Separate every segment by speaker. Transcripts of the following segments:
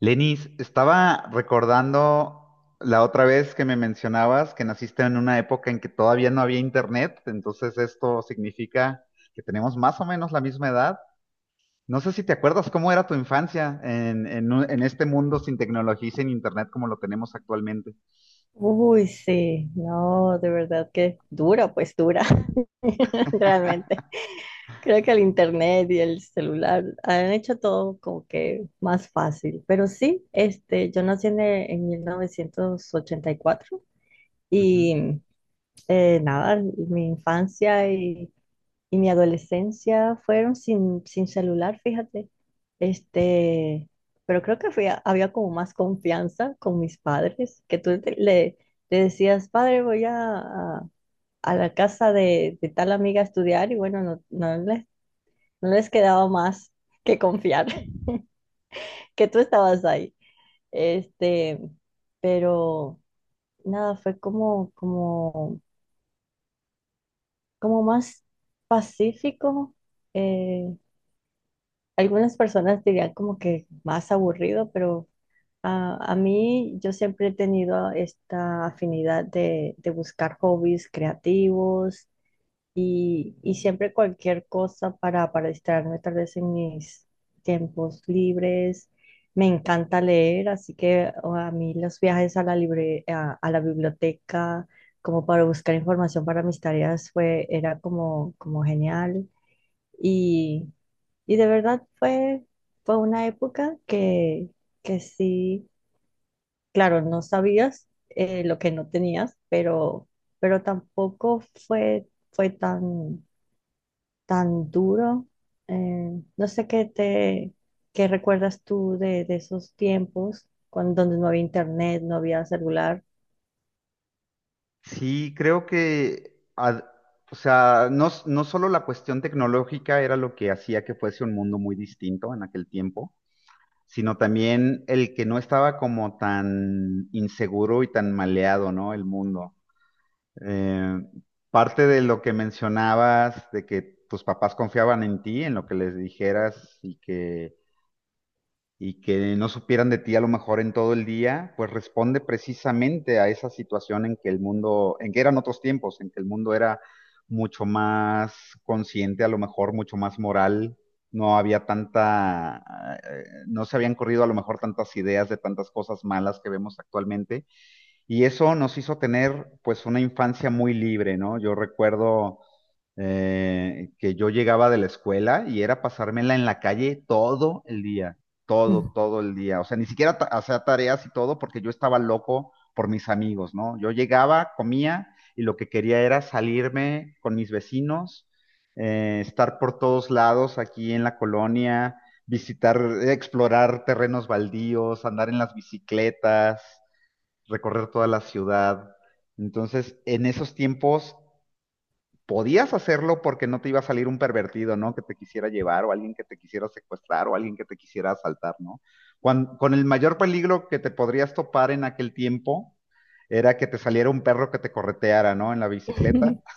Speaker 1: Lenis, estaba recordando la otra vez que me mencionabas que naciste en una época en que todavía no había internet, entonces esto significa que tenemos más o menos la misma edad. No sé si te acuerdas cómo era tu infancia en este mundo sin tecnología y sin internet como lo tenemos actualmente.
Speaker 2: Uy, sí, no, de verdad que dura, pues dura, realmente. Creo que el internet y el celular han hecho todo como que más fácil, pero sí, yo nací en 1984
Speaker 1: Ujú.
Speaker 2: y cuatro y nada, mi infancia y mi adolescencia fueron sin celular, fíjate. Este, pero creo que había como más confianza con mis padres, que le decías, padre, a- a la casa de tal amiga a estudiar, y bueno, no no les quedaba más que confiar, que tú estabas ahí. Este, pero nada, fue como más pacífico. eh, Algunas personas dirían como que más aburrido, pero a mí yo siempre he tenido esta afinidad de buscar hobbies creativos y siempre cualquier cosa para distraerme tal vez en mis tiempos libres. Me encanta leer, así que o a mí los viajes a a la biblioteca como para buscar información para mis tareas era como genial. Y, y de verdad fue una época que sí, claro, no sabías lo que no tenías, pero tampoco fue tan duro. No sé qué te, ¿Qué recuerdas tú de esos tiempos cuando donde no había internet, no había celular?
Speaker 1: Sí, creo que, no, no solo la cuestión tecnológica era lo que hacía que fuese un mundo muy distinto en aquel tiempo, sino también el que no estaba como tan inseguro y tan maleado, ¿no? El mundo. Eh, Parte de lo que mencionabas, de que tus papás confiaban en ti, en lo que les dijeras y que no supieran de ti a lo mejor en todo el día, pues responde precisamente a esa situación en que el mundo, en que eran otros tiempos, en que el mundo era mucho más consciente, a lo mejor mucho más moral, no había tanta, no se habían corrido a lo mejor tantas ideas de tantas cosas malas que vemos actualmente, y eso nos hizo tener pues una infancia muy libre, ¿no? Yo recuerdo que yo llegaba de la escuela y era pasármela en la calle todo el día,
Speaker 2: Mm.
Speaker 1: todo el día. O sea, ni siquiera hacía tareas y todo porque yo estaba loco por mis amigos, ¿no? Yo llegaba, comía y lo que quería era salirme con mis vecinos, estar por todos lados aquí en la colonia, visitar, explorar terrenos baldíos, andar en las bicicletas, recorrer toda la ciudad. Entonces, en esos tiempos podías hacerlo porque no te iba a salir un pervertido, ¿no? Que te quisiera llevar o alguien que te quisiera secuestrar o alguien que te quisiera asaltar, ¿no? Cuando, con el mayor peligro que te podrías topar en aquel tiempo era que te saliera un perro que te correteara, ¿no? En la bicicleta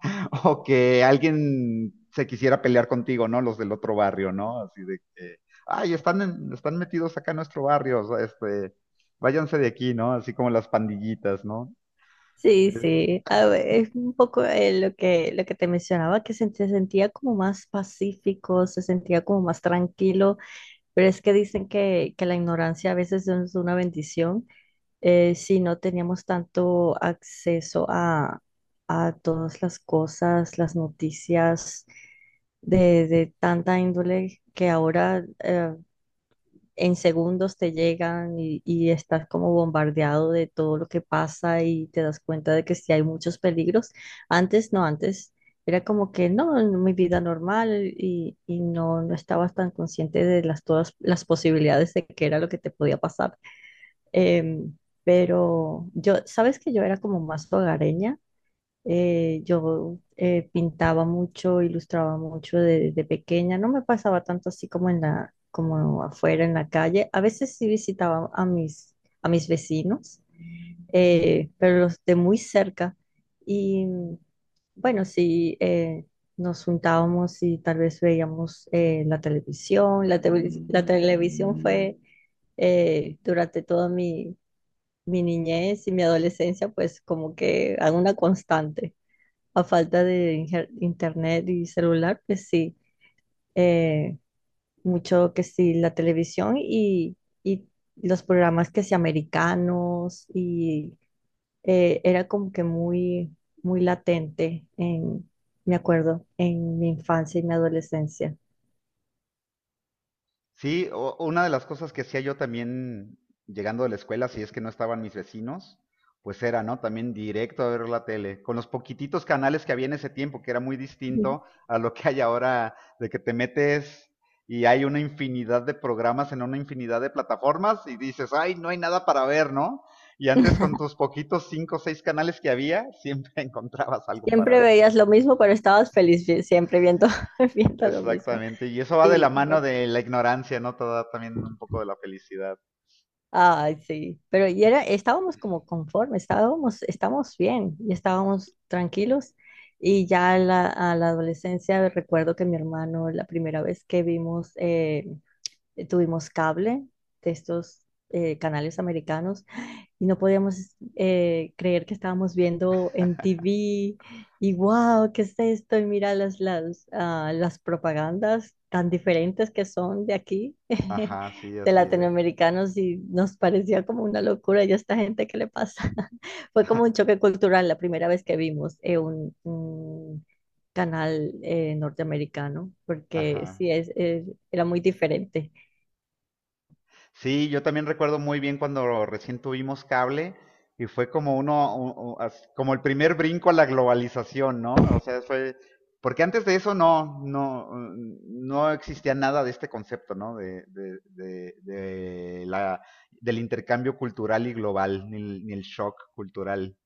Speaker 1: o que alguien se quisiera pelear contigo, ¿no? Los del otro barrio, ¿no? Así de que, ay, están metidos acá en nuestro barrio, o sea, este, váyanse de aquí, ¿no? Así como las pandillitas, ¿no?
Speaker 2: Sí, sí, a ver, es un poco lo que te mencionaba, que se sentía como más pacífico, se sentía como más tranquilo, pero es que dicen que la ignorancia a veces no es una bendición. Si no teníamos tanto acceso a todas las cosas, las noticias de tanta índole que ahora en segundos te llegan y estás como bombardeado de todo lo que pasa y te das cuenta de que sí hay muchos peligros. Antes no, antes era como que no, en mi vida normal y no, no estabas tan consciente de las, todas las posibilidades de qué era lo que te podía pasar. Em, pero yo, sabes que yo era como más hogareña. Yo Pintaba mucho, ilustraba mucho desde pequeña. No me pasaba tanto así como en la, como afuera en la calle. A veces sí visitaba a a mis vecinos, pero los de muy cerca. Y bueno, sí, nos juntábamos y tal vez veíamos la televisión. La televisión fue, durante toda mi niñez y mi adolescencia, pues como que alguna constante a falta de internet y celular, pues sí, eh, mucho que sí, la televisión y los programas que sí, americanos, y era como que muy latente en, me acuerdo, en mi infancia y mi adolescencia.
Speaker 1: Sí, una de las cosas que hacía yo también llegando de la escuela, si es que no estaban mis vecinos, pues era, ¿no? También directo a ver la tele, con los poquititos canales que había en ese tiempo, que era muy
Speaker 2: Ujú.
Speaker 1: distinto a lo que hay ahora, de que te metes y hay una infinidad de programas en una infinidad de plataformas y dices, ay, no hay nada para ver, ¿no? Y antes con tus poquitos cinco o seis canales que había, siempre encontrabas algo para
Speaker 2: Siempre
Speaker 1: ver.
Speaker 2: veías lo mismo, pero estabas feliz siempre viendo, viendo lo mismo.
Speaker 1: Exactamente, y eso va de la
Speaker 2: Sí, y
Speaker 1: mano
Speaker 2: ya.
Speaker 1: de la ignorancia, ¿no? Te da también un poco de la felicidad.
Speaker 2: Ay, sí, pero y era, estábamos como conformes, estábamos, estábamos bien y estábamos tranquilos. Y ya a a la adolescencia recuerdo que mi hermano, la primera vez que vimos, tuvimos cable de estos canales americanos y no podíamos creer que estábamos viendo MTV y wow, ¿qué es esto? Y mira las propagandas tan diferentes que son de aquí,
Speaker 1: Ajá, sí,
Speaker 2: de
Speaker 1: así es.
Speaker 2: latinoamericanos, y nos parecía como una locura. Y a esta gente, ¿qué le pasa? Fue como un choque cultural la primera vez que vimos un canal norteamericano, porque
Speaker 1: Ajá.
Speaker 2: sí, era muy diferente.
Speaker 1: Sí, yo también recuerdo muy bien cuando recién tuvimos cable y fue como uno, u- u- as- como el primer brinco a la globalización, ¿no? O sea, fue, porque antes de eso no existía nada de este concepto, ¿no? Del intercambio cultural y global, ni el shock cultural.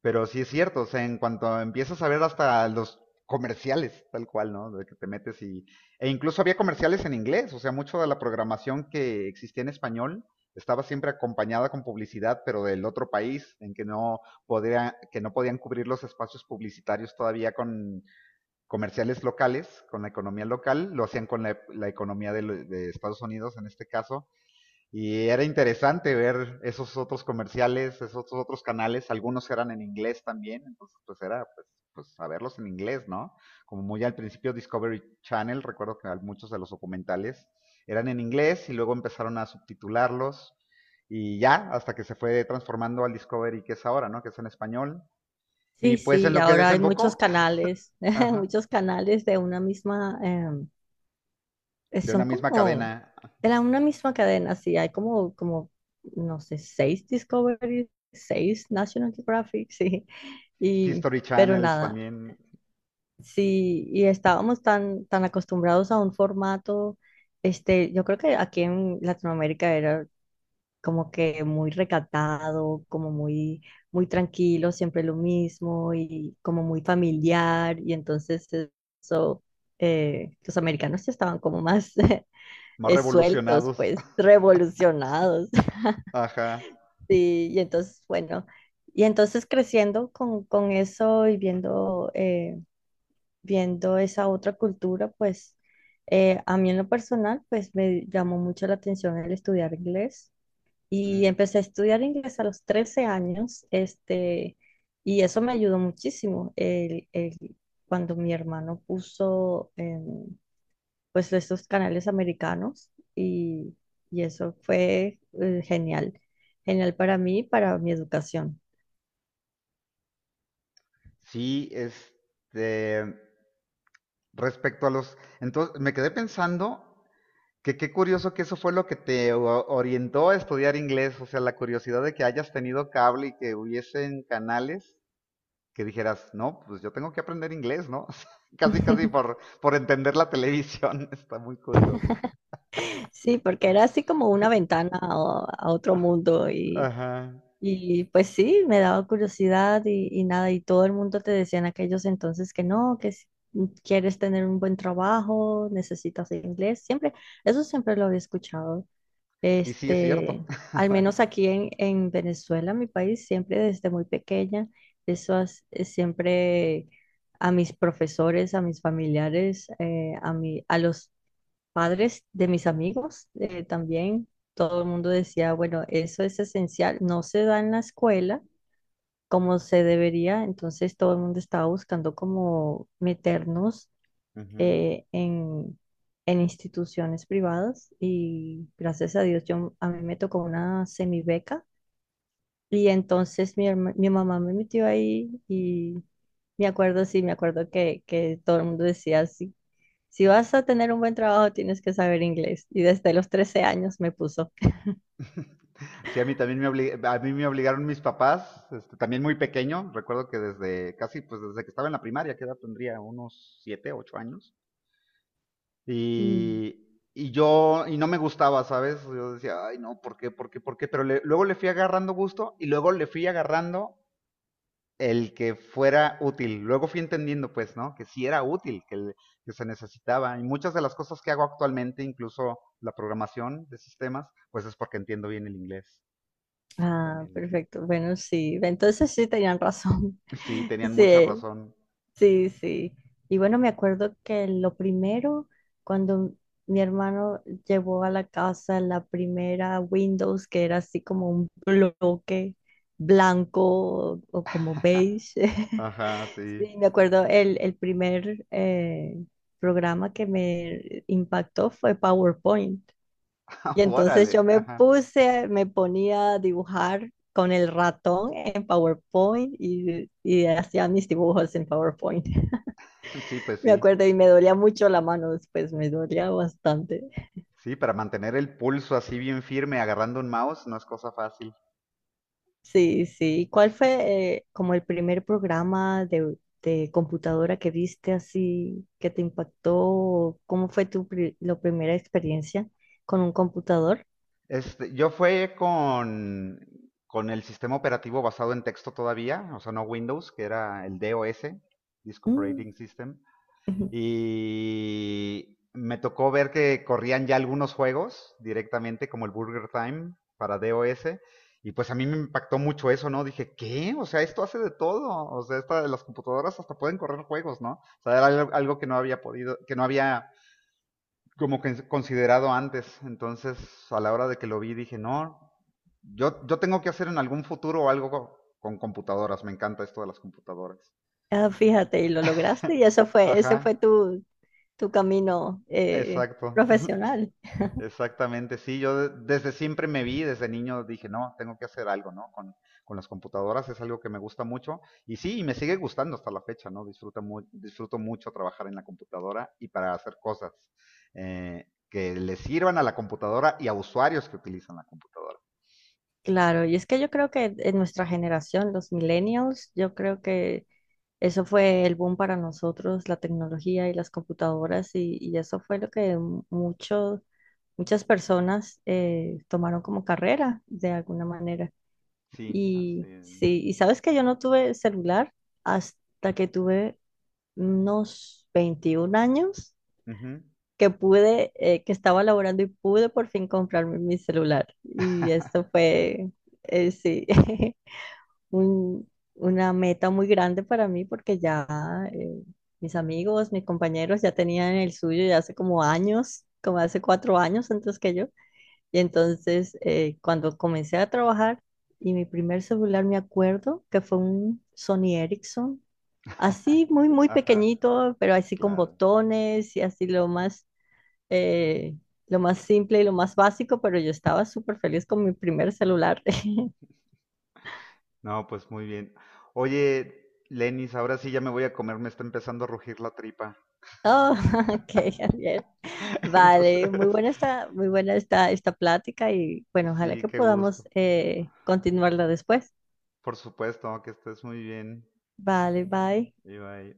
Speaker 1: Pero sí es cierto, o sea, en cuanto empiezas a ver hasta los comerciales, tal cual, ¿no? De que te metes y... E incluso había comerciales en inglés, o sea, mucho de la programación que existía en español estaba siempre acompañada con publicidad, pero del otro país, en que no, podía, que no podían cubrir los espacios publicitarios todavía con comerciales locales, con la economía local, lo hacían con la economía de Estados Unidos en este caso, y era interesante ver esos otros comerciales, esos otros canales, algunos eran en inglés también, entonces pues saberlos en inglés, ¿no? Como muy al principio Discovery Channel, recuerdo que muchos de los documentales eran en inglés y luego empezaron a subtitularlos y ya hasta que se fue transformando al Discovery que es ahora, ¿no? Que es en español. Y
Speaker 2: Sí,
Speaker 1: pues
Speaker 2: sí,
Speaker 1: en
Speaker 2: y
Speaker 1: lo que
Speaker 2: ahora hay muchos
Speaker 1: desembocó,
Speaker 2: canales,
Speaker 1: ajá,
Speaker 2: muchos canales de una misma,
Speaker 1: de
Speaker 2: son
Speaker 1: una misma
Speaker 2: como
Speaker 1: cadena,
Speaker 2: de la una misma cadena, sí, hay no sé, seis Discovery, seis National Geographic, sí, y,
Speaker 1: History
Speaker 2: pero
Speaker 1: Channels
Speaker 2: nada,
Speaker 1: también,
Speaker 2: sí, y estábamos tan acostumbrados a un formato. Yo creo que aquí en Latinoamérica era como que muy recatado, como muy tranquilo, siempre lo mismo y como muy familiar. Y entonces eso, los americanos ya estaban como más
Speaker 1: más
Speaker 2: sueltos,
Speaker 1: revolucionados,
Speaker 2: pues revolucionados.
Speaker 1: ajá.
Speaker 2: Sí, y entonces, bueno, y entonces creciendo con eso y viendo, viendo esa otra cultura, pues a mí en lo personal, pues me llamó mucho la atención el estudiar inglés, y
Speaker 1: Mm.
Speaker 2: empecé a estudiar inglés a los 13 años. Y eso me ayudó muchísimo. Cuando mi hermano puso pues estos canales americanos y eso fue genial, genial para mí, para mi educación.
Speaker 1: Sí, este, respecto a los, entonces me quedé pensando que qué curioso que eso fue lo que te orientó a estudiar inglés, o sea, la curiosidad de que hayas tenido cable y que hubiesen canales que dijeras, no, pues yo tengo que aprender inglés, ¿no? Casi, casi por entender la televisión, está muy curioso.
Speaker 2: Sí, porque era así como una ventana a otro mundo.
Speaker 1: Ajá.
Speaker 2: Y pues sí, me daba curiosidad y nada, y todo el mundo te decía en aquellos entonces que no, que si quieres tener un buen trabajo, necesitas inglés, siempre. Eso siempre lo había escuchado.
Speaker 1: Y sí, es cierto.
Speaker 2: Este, Al menos aquí en Venezuela, mi país, siempre desde muy pequeña, siempre a mis profesores, a mis familiares, a los padres de mis amigos también, todo el mundo decía, bueno, eso es esencial, no se da en la escuela como se debería, entonces todo el mundo estaba buscando como meternos
Speaker 1: Ujú.
Speaker 2: eh, en, en instituciones privadas, y gracias a Dios yo, a mí me tocó una semibeca, y entonces mi mamá me metió ahí y... Me acuerdo, sí, me acuerdo que todo el mundo decía así, si vas a tener un buen trabajo, tienes que saber inglés. Y desde los 13 años me puso.
Speaker 1: Sí, a mí también a mí me obligaron mis papás, este, también muy pequeño, recuerdo que desde casi, pues desde que estaba en la primaria, que edad tendría unos siete, ocho años,
Speaker 2: Mm.
Speaker 1: y, y yo, y no me gustaba, ¿sabes? Yo decía, ay, no, ¿por qué, por qué, por qué? Pero luego le fui agarrando gusto y luego le fui agarrando el que fuera útil. Luego fui entendiendo, pues, ¿no? Que sí era útil, que se necesitaba. Y muchas de las cosas que hago actualmente, incluso la programación de sistemas, pues es porque entiendo bien el inglés
Speaker 2: Ah,
Speaker 1: también.
Speaker 2: perfecto. Bueno, sí. Entonces sí tenían razón.
Speaker 1: Sí, tenían mucha
Speaker 2: Sí,
Speaker 1: razón.
Speaker 2: sí, sí. Y bueno, me acuerdo que lo primero, cuando mi hermano llevó a la casa la primera Windows, que era así como un bloque blanco o como beige,
Speaker 1: Ajá, sí.
Speaker 2: sí, me acuerdo, el primer programa que me impactó fue PowerPoint. Y entonces
Speaker 1: Órale, ajá.
Speaker 2: me ponía a dibujar con el ratón en PowerPoint y hacía mis dibujos en PowerPoint.
Speaker 1: Sí, pues
Speaker 2: Me
Speaker 1: sí.
Speaker 2: acuerdo y me dolía mucho la mano después, me dolía bastante.
Speaker 1: Sí, para mantener el pulso así bien firme agarrando un mouse no es cosa fácil.
Speaker 2: Sí, sí. ¿Cuál fue como el primer programa de computadora que viste así, que te impactó? ¿Cómo fue la primera experiencia con un computador?
Speaker 1: Este, yo fue con el sistema operativo basado en texto todavía, o sea, no Windows, que era el DOS, Disk
Speaker 2: Mm.
Speaker 1: Operating System.
Speaker 2: Ujú.
Speaker 1: Y me tocó ver que corrían ya algunos juegos directamente, como el Burger Time para DOS. Y pues a mí me impactó mucho eso, ¿no? Dije, ¿qué? O sea, esto hace de todo. O sea, esta, las computadoras hasta pueden correr juegos, ¿no? O sea, era algo, que no había podido, que no había como que considerado antes. Entonces, a la hora de que lo vi, dije, no, yo tengo que hacer en algún futuro algo con computadoras. Me encanta esto de las computadoras.
Speaker 2: Ah, fíjate, y lo lograste y ese
Speaker 1: Ajá,
Speaker 2: fue tu camino
Speaker 1: exacto.
Speaker 2: profesional.
Speaker 1: Exactamente, sí, desde siempre me vi, desde niño dije, no, tengo que hacer algo, ¿no? Con las computadoras es algo que me gusta mucho y sí, y me sigue gustando hasta la fecha, ¿no? Disfruto mucho trabajar en la computadora y para hacer cosas que le sirvan a la computadora y a usuarios que utilizan la computadora.
Speaker 2: Claro, y es que yo creo que en nuestra generación, los millennials, yo creo que eso fue el boom para nosotros, la tecnología y las computadoras, y eso fue lo que muchos, muchas personas tomaron como carrera de alguna manera.
Speaker 1: Sí, así
Speaker 2: Y
Speaker 1: es.
Speaker 2: sí, y sabes que yo no tuve celular hasta que tuve unos 21 años,
Speaker 1: Ujú.
Speaker 2: que pude, que estaba laborando y pude por fin comprarme mi celular. Y esto fue, sí. un- una meta muy grande para mí, porque ya eh, mis amigos, mis compañeros ya tenían el suyo ya hace como años, como hace 4 años antes que yo. Y entonces cuando comencé a trabajar, mi primer celular me acuerdo que fue un Sony Ericsson, así muy, muy
Speaker 1: Ajá,
Speaker 2: pequeñito, pero así con
Speaker 1: claro.
Speaker 2: botones y así lo más... eh, Lo más simple y lo más básico, pero yo estaba súper feliz con mi primer celular.
Speaker 1: No, pues muy bien. Oye, Lenis, ahora sí ya me voy a comer, me está empezando a rugir la tripa.
Speaker 2: Oh, ok, Javier. Vale,
Speaker 1: Entonces,
Speaker 2: muy buena esta, esta plática, y bueno, ojalá
Speaker 1: sí,
Speaker 2: que
Speaker 1: qué
Speaker 2: podamos
Speaker 1: gusto.
Speaker 2: continuarla después.
Speaker 1: Por supuesto, que estés muy bien,
Speaker 2: Vale, bye.
Speaker 1: Ibai.